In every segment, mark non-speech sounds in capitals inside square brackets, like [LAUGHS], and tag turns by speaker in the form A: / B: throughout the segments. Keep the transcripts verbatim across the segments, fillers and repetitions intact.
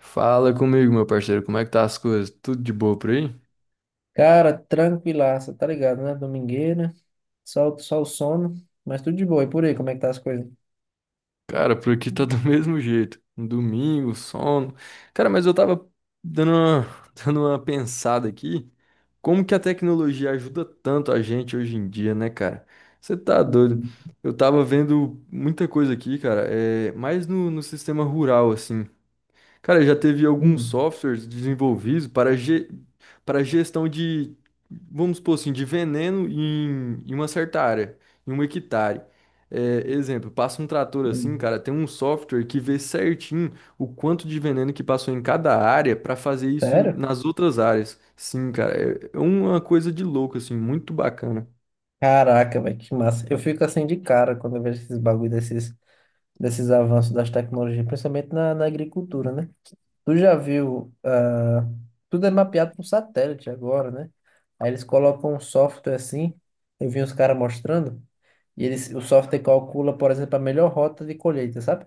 A: Fala comigo, meu parceiro, como é que tá as coisas? Tudo de boa por aí?
B: Cara, tranquilaça, tá ligado, né? Domingueira, só, só o sono, mas tudo de boa. E por aí, como é que tá as coisas?
A: Cara, por aqui tá
B: Hum.
A: do [LAUGHS] mesmo jeito. Um domingo, sono. Cara, mas eu tava dando uma, [LAUGHS] dando uma pensada aqui, como que a tecnologia ajuda tanto a gente hoje em dia, né, cara? Você tá
B: Hum,
A: doido? Eu tava vendo muita coisa aqui, cara, é, mais no, no, sistema rural, assim. Cara, já teve alguns
B: hum,
A: softwares desenvolvidos para, ge para gestão de, vamos supor assim, de veneno em, em uma certa área, em um hectare. É, exemplo, passa um trator assim,
B: hum.
A: cara, tem um software que vê certinho o quanto de veneno que passou em cada área para fazer isso em-
B: Sério?
A: nas outras áreas. Sim, cara, é é uma coisa de louco, assim, muito bacana.
B: Caraca, velho, que massa. Eu fico assim de cara quando eu vejo esses bagulho desses, desses avanços das tecnologias, principalmente na, na agricultura, né? Tu já viu, ah, tudo é mapeado por satélite agora, né? Aí eles colocam um software assim, eu vi uns caras mostrando, e eles, o software calcula, por exemplo, a melhor rota de colheita, sabe?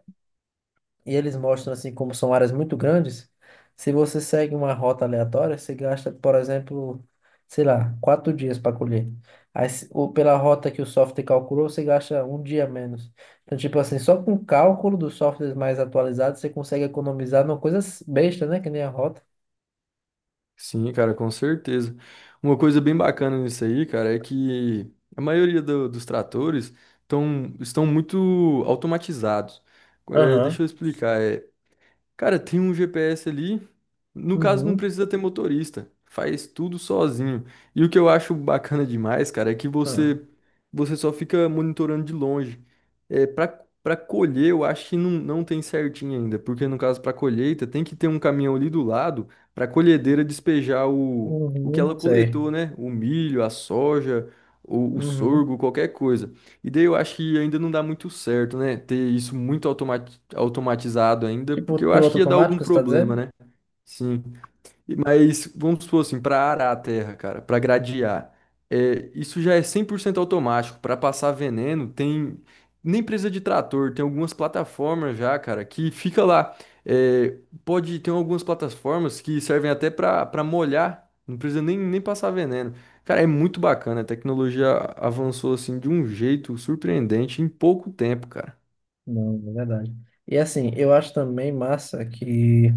B: E eles mostram assim como são áreas muito grandes. Se você segue uma rota aleatória, você gasta, por exemplo, sei lá, quatro dias para colher. Aí, se- ou pela rota que o software calculou, você gasta um dia menos. Então, tipo assim, só com o cálculo dos softwares mais atualizados, você consegue economizar numa coisa s- besta, né? Que nem a rota.
A: Sim, cara, com certeza. Uma coisa bem bacana nisso aí, cara, é que a maioria do- dos tratores tão, estão muito automatizados. É,
B: Aham.
A: deixa eu explicar. é, Cara, tem um G P S ali. No caso, não
B: Uhum.
A: precisa ter motorista. Faz tudo sozinho. E o que eu acho bacana demais, cara, é que
B: Ah.
A: você você só fica monitorando de longe. É, para para colher, eu acho que não, não tem certinho ainda, porque no caso para colheita tem que ter um caminhão ali do lado para a colhedeira despejar o, o que
B: Uhum.
A: ela
B: Sei.
A: coletou, né? O milho, a soja, o, o
B: Uhum.
A: sorgo, qualquer coisa. E daí eu acho que ainda não dá muito certo, né? Ter isso muito automati- automatizado ainda,
B: Tipo,
A: porque eu acho
B: piloto
A: que ia dar algum
B: automático, você está
A: problema,
B: dizendo?
A: né? Sim. E- Mas vamos supor assim, para arar a terra, cara, para gradear, é, isso já é cem por cento automático. Para passar veneno, tem nem precisa de trator, tem algumas plataformas já, cara, que fica lá. É, pode ter algumas plataformas que servem até para para molhar, não precisa nem, nem passar veneno. Cara, é muito bacana, a tecnologia avançou assim de um jeito surpreendente em pouco tempo, cara.
B: Não, é verdade. E assim, eu acho também massa que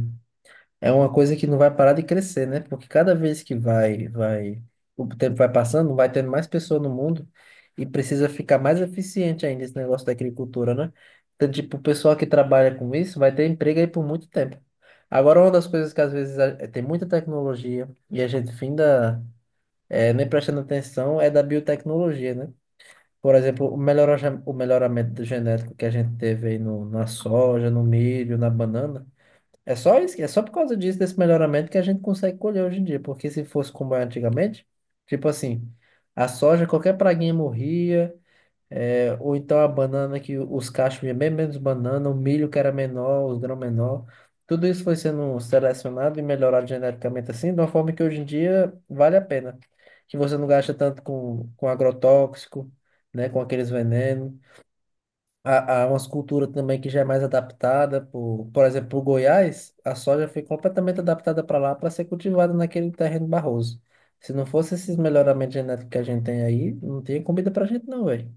B: é uma coisa que não vai parar de crescer, né? Porque cada vez que vai, vai, o tempo vai passando, vai tendo mais pessoas no mundo e precisa ficar mais eficiente ainda esse negócio da agricultura, né? Então, tipo, o pessoal que trabalha com isso vai ter emprego aí por muito tempo. Agora, uma das coisas que às vezes a- é, tem muita tecnologia e a gente finda é, nem prestando atenção é da biotecnologia, né? Por exemplo, o melhora- o melhoramento genético que a gente teve aí no, na soja, no milho, na banana. É só isso, é só por causa disso, desse melhoramento, que a gente consegue colher hoje em dia. Porque se fosse como era antigamente, tipo assim, a soja, qualquer praguinha morria, é, ou então a banana que os cachos iam bem menos banana, o milho que era menor, os grãos menor. Tudo isso foi sendo selecionado e melhorado geneticamente assim, de uma forma que hoje em dia vale a pena. Que você não gasta tanto com, com agrotóxico, né, com aqueles venenos. Há, há umas culturas também que já é mais adaptada, por, por exemplo, o Goiás, a soja foi completamente adaptada para lá para ser cultivada naquele terreno barroso. Se não fosse esses melhoramentos genéticos que a gente tem aí, não tinha comida pra gente não, velho.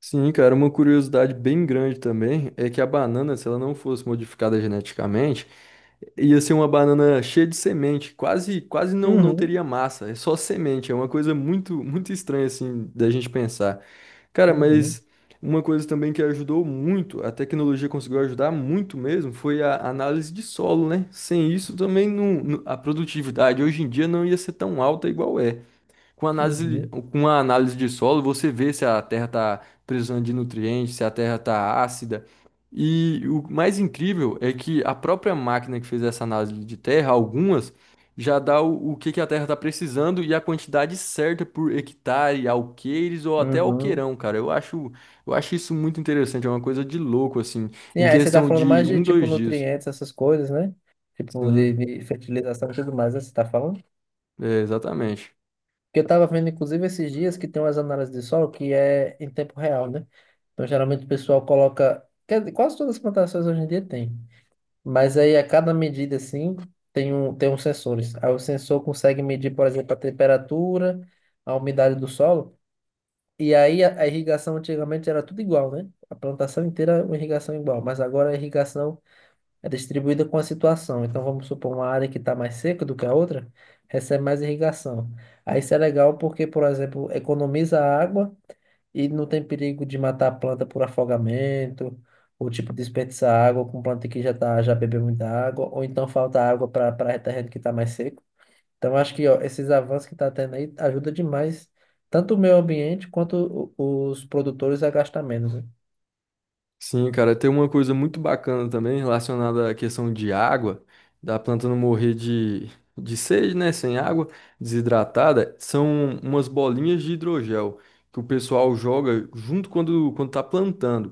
A: Sim, cara, uma curiosidade bem grande também é que a banana, se ela não fosse modificada geneticamente, ia ser uma banana cheia de semente, quase quase não não
B: Uhum,
A: teria massa, é só semente, é uma coisa muito muito estranha assim da gente pensar. Cara,
B: uhum,
A: mas uma coisa também que ajudou muito, a tecnologia conseguiu ajudar muito mesmo, foi a análise de solo, né? Sem isso também não, não- a produtividade hoje em dia não ia ser tão alta igual é. Com análise,
B: uhum,
A: com a análise de solo, você vê se a terra está precisando de nutrientes, se a terra está ácida. E o mais incrível é que a própria máquina que fez essa análise de terra, algumas, já dá o, o que, que, a terra está precisando e a quantidade certa por hectare, alqueires ou até
B: uhum.
A: alqueirão, cara. Eu acho, eu acho isso muito interessante, é uma coisa de louco, assim,
B: Sim,
A: em
B: aí você tá
A: questão
B: falando
A: de
B: mais de
A: um,
B: tipo
A: dois dias.
B: nutrientes, essas coisas, né? Tipo de,
A: Sim,
B: de fertilização e tudo mais, né? Você tá falando?
A: é, exatamente.
B: Porque eu estava vendo, inclusive, esses dias que tem umas análises de solo que é em tempo real, né? Então, geralmente o pessoal coloca, quer dizer, quase todas as plantações hoje em dia tem. Mas aí, a cada medida, assim, tem um, tem uns sensores. Aí o sensor consegue medir, por exemplo, a temperatura, a umidade do solo. E aí, a, a irrigação antigamente era tudo igual, né? A plantação inteira, uma irrigação igual. Mas agora a irrigação é distribuída com a situação. Então, vamos supor, uma área que está mais seca do que a outra, recebe mais irrigação. Aí isso é legal porque, por exemplo, economiza água e não tem perigo de matar a planta por afogamento, ou tipo desperdiçar água com planta que já tá, já bebeu muita água, ou então falta água para para terreno que está mais seco. Então, acho que ó, esses avanços que está tendo aí ajuda demais, tanto o meio ambiente quanto o- os produtores a gastar menos, né?
A: Sim, cara, tem uma coisa muito bacana também relacionada à questão de água, da planta não morrer de, de sede, né? Sem água, desidratada, são umas bolinhas de hidrogel que o pessoal joga junto quando, quando tá plantando.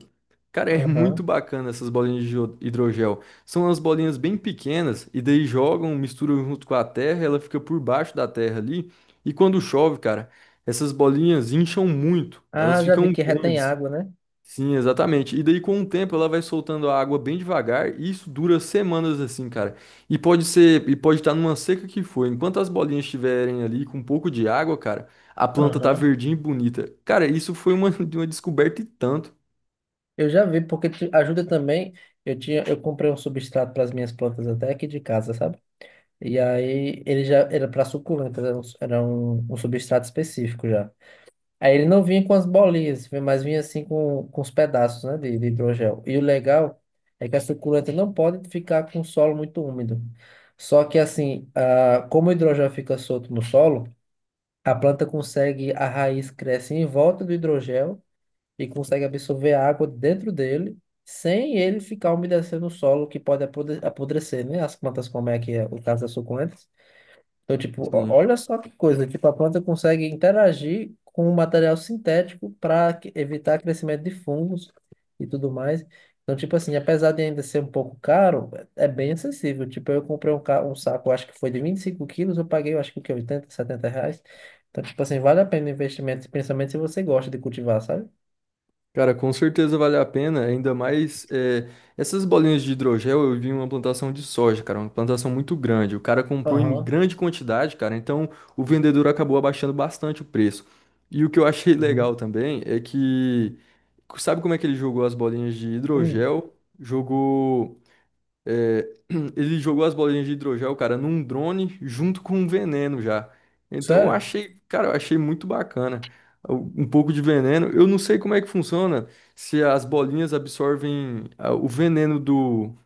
A: Cara, é muito
B: Aham.
A: bacana essas bolinhas de hidro- hidrogel. São umas bolinhas bem pequenas e daí jogam, misturam junto com a terra, ela fica por baixo da terra ali. E quando chove, cara, essas bolinhas incham muito, elas
B: Ah, já vi
A: ficam
B: que retém
A: grandes.
B: água, né?
A: Sim, exatamente. E daí, com o tempo, ela vai soltando a água bem devagar, e isso dura semanas assim, cara. E pode ser, e pode estar numa seca que for. Enquanto as bolinhas estiverem ali com um pouco de água, cara, a planta tá
B: Aham.
A: verdinha e bonita. Cara, isso foi uma, [LAUGHS] uma descoberta e tanto.
B: Eu já vi, porque te ajuda também. Eu tinha, eu comprei um substrato para as minhas plantas até aqui de casa, sabe? E aí ele já era para suculentas, era, um, era um- um substrato específico já. Aí ele não vinha com as bolinhas, vinha- mas vinha assim com, com os pedaços, né, de, de hidrogel. E o legal é que a suculenta não pode ficar com o solo muito úmido. Só que assim, ah, como o hidrogel fica solto no solo, a planta consegue, a raiz cresce em volta do hidrogel e consegue absorver a água dentro dele, sem ele ficar umedecendo o solo, que pode apode- apodrecer, né? As plantas, como é que é o caso das suculentas. Então, tipo, ó-
A: Sim.
B: olha só que coisa, tipo, a planta consegue interagir com o material sintético para evitar crescimento de fungos e tudo mais. Então, tipo assim, apesar de ainda ser um pouco caro, é é bem acessível. Tipo, eu comprei um, ca- um saco, acho que foi de vinte e cinco quilos, eu paguei, eu acho que o quê? oitenta, setenta reais. Então, tipo assim, vale a pena o investimento, principalmente se você gosta de cultivar, sabe?
A: Cara, com certeza vale a pena, ainda mais eh, essas bolinhas de hidrogel. Eu vi uma plantação de soja, cara, uma plantação muito grande. O cara comprou em grande quantidade, cara, então o vendedor acabou abaixando bastante o preço. E o que eu achei [LAUGHS]
B: Uhum.
A: legal também é que, sabe como é que ele jogou as bolinhas de
B: Hum,
A: hidrogel? Jogou. É, [CLEARS THROAT] ele jogou as bolinhas de hidrogel, cara, num drone junto com um veneno já. Então eu
B: sério?
A: achei, cara, eu achei muito bacana. Um um pouco de veneno. Eu não sei como é que funciona se as bolinhas absorvem ah, o veneno do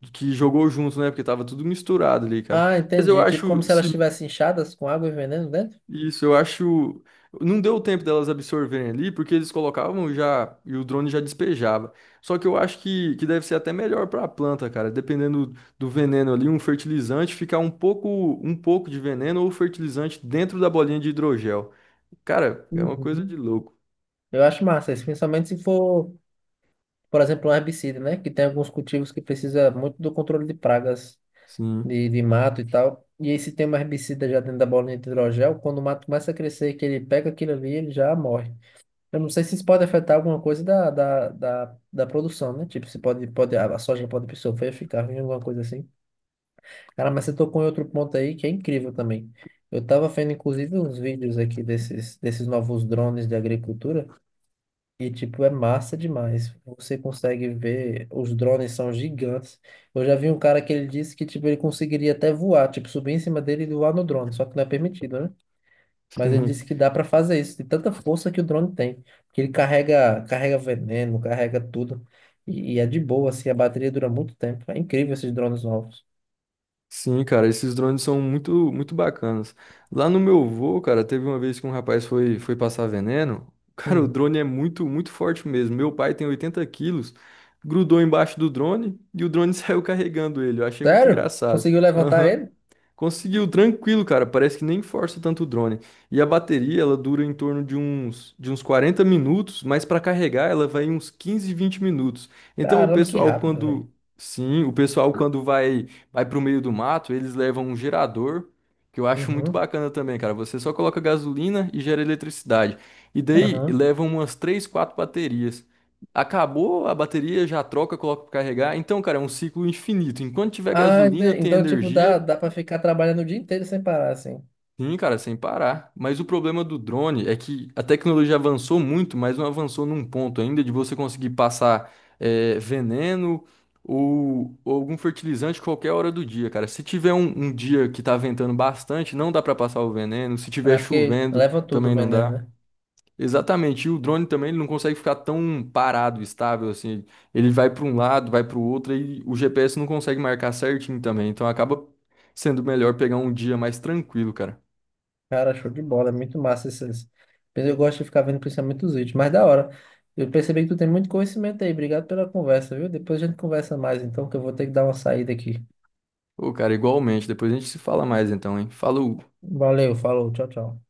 A: do que jogou junto, né? Porque tava tudo misturado ali, cara.
B: Ah,
A: Mas eu
B: entendi. Tipo como
A: acho
B: se elas estivessem inchadas com água e veneno dentro?
A: isso, eu acho. Não deu tempo delas absorverem ali, porque eles colocavam já e o drone já despejava. Só que eu acho que, que, deve ser até melhor para a planta, cara. Dependendo do veneno ali, um fertilizante ficar um pouco, um pouco de veneno ou fertilizante dentro da bolinha de hidrogel. Cara, é uma coisa
B: Uhum.
A: de louco.
B: Eu acho massa isso, principalmente se for, por exemplo, um herbicida, né? Que tem alguns cultivos que precisa muito do controle de pragas
A: Sim,
B: de, de mato e tal. E aí se tem um herbicida já dentro da bolinha de hidrogel, quando o mato começa a crescer, que ele pega aquilo ali, ele já morre. Eu não sei se isso pode afetar alguma coisa da, da, da, da produção, né? Tipo, se pode, pode, a soja pode sofrer, ficar ruim, alguma coisa assim. Cara, mas você tocou em outro ponto aí que é incrível também. Eu tava vendo, inclusive, uns vídeos aqui desses, desses novos drones de agricultura e, tipo, é massa demais. Você consegue ver, os drones são gigantes. Eu já vi um cara que ele disse que, tipo, ele conseguiria até voar, tipo, subir em cima dele e voar no drone, só que não é permitido, né?
A: [LAUGHS]
B: Mas ele disse
A: sim.
B: que dá pra fazer isso, de tanta força que o drone tem. Que ele carrega, carrega veneno, carrega tudo. E, e é de boa, assim, a bateria dura muito tempo. É incrível esses drones novos.
A: Sim, cara, esses drones são muito, muito bacanas. Lá no meu voo, cara, teve uma vez que um rapaz foi, foi passar veneno. [LAUGHS] Cara, o
B: Hum.
A: drone é muito, muito forte mesmo. Meu pai tem oitenta quilos, grudou embaixo do drone e o drone [LAUGHS] saiu carregando ele. Eu achei muito
B: Sério?
A: engraçado.
B: Conseguiu levantar
A: Aham.
B: ele?
A: Conseguiu, tranquilo, cara. Parece que nem força tanto o drone. E a bateria, ela dura em torno de uns, de uns quarenta minutos, mas para carregar ela vai uns quinze vinte minutos. Então o
B: Caramba, que
A: pessoal
B: rápido, velho.
A: quando, sim, o pessoal quando vai vai pro meio do mato, eles levam um gerador, que eu acho muito
B: Uhum.
A: bacana também, cara. Você só coloca gasolina e gera eletricidade. E daí
B: Aham.
A: levam umas três quatro baterias. Acabou a bateria, já troca, coloca para carregar. Então, cara, é um ciclo infinito. Enquanto tiver
B: Ah, ente-
A: gasolina, tem
B: então, tipo, dá,
A: energia.
B: dá pra ficar trabalhando o dia inteiro sem parar, assim.
A: Sim, cara, sem parar. Mas o problema do drone é que a tecnologia avançou muito, mas não avançou num ponto ainda de você conseguir passar eh, veneno ou, ou algum fertilizante qualquer hora do dia, cara. Se tiver um, um dia que tá ventando bastante, não dá pra passar o veneno. Se
B: É
A: tiver
B: porque
A: chovendo,
B: leva tudo o
A: também não
B: veneno,
A: dá.
B: né?
A: Exatamente. E o drone também ele não consegue ficar tão parado, estável assim. Ele vai pra um lado, vai pro outro e o G P S não consegue marcar certinho também. Então acaba sendo melhor pegar um dia mais tranquilo, cara.
B: Cara, show de bola, é muito massa esses. Eu gosto de ficar vendo principalmente os vídeos, mas da hora. Eu percebi que tu tem muito conhecimento aí. Obrigado pela conversa, viu? Depois a gente conversa mais, então, que eu vou ter que dar uma saída aqui.
A: Ô, cara, igualmente. Depois a gente se fala mais então, hein? Falou!
B: Valeu, falou, tchau, tchau.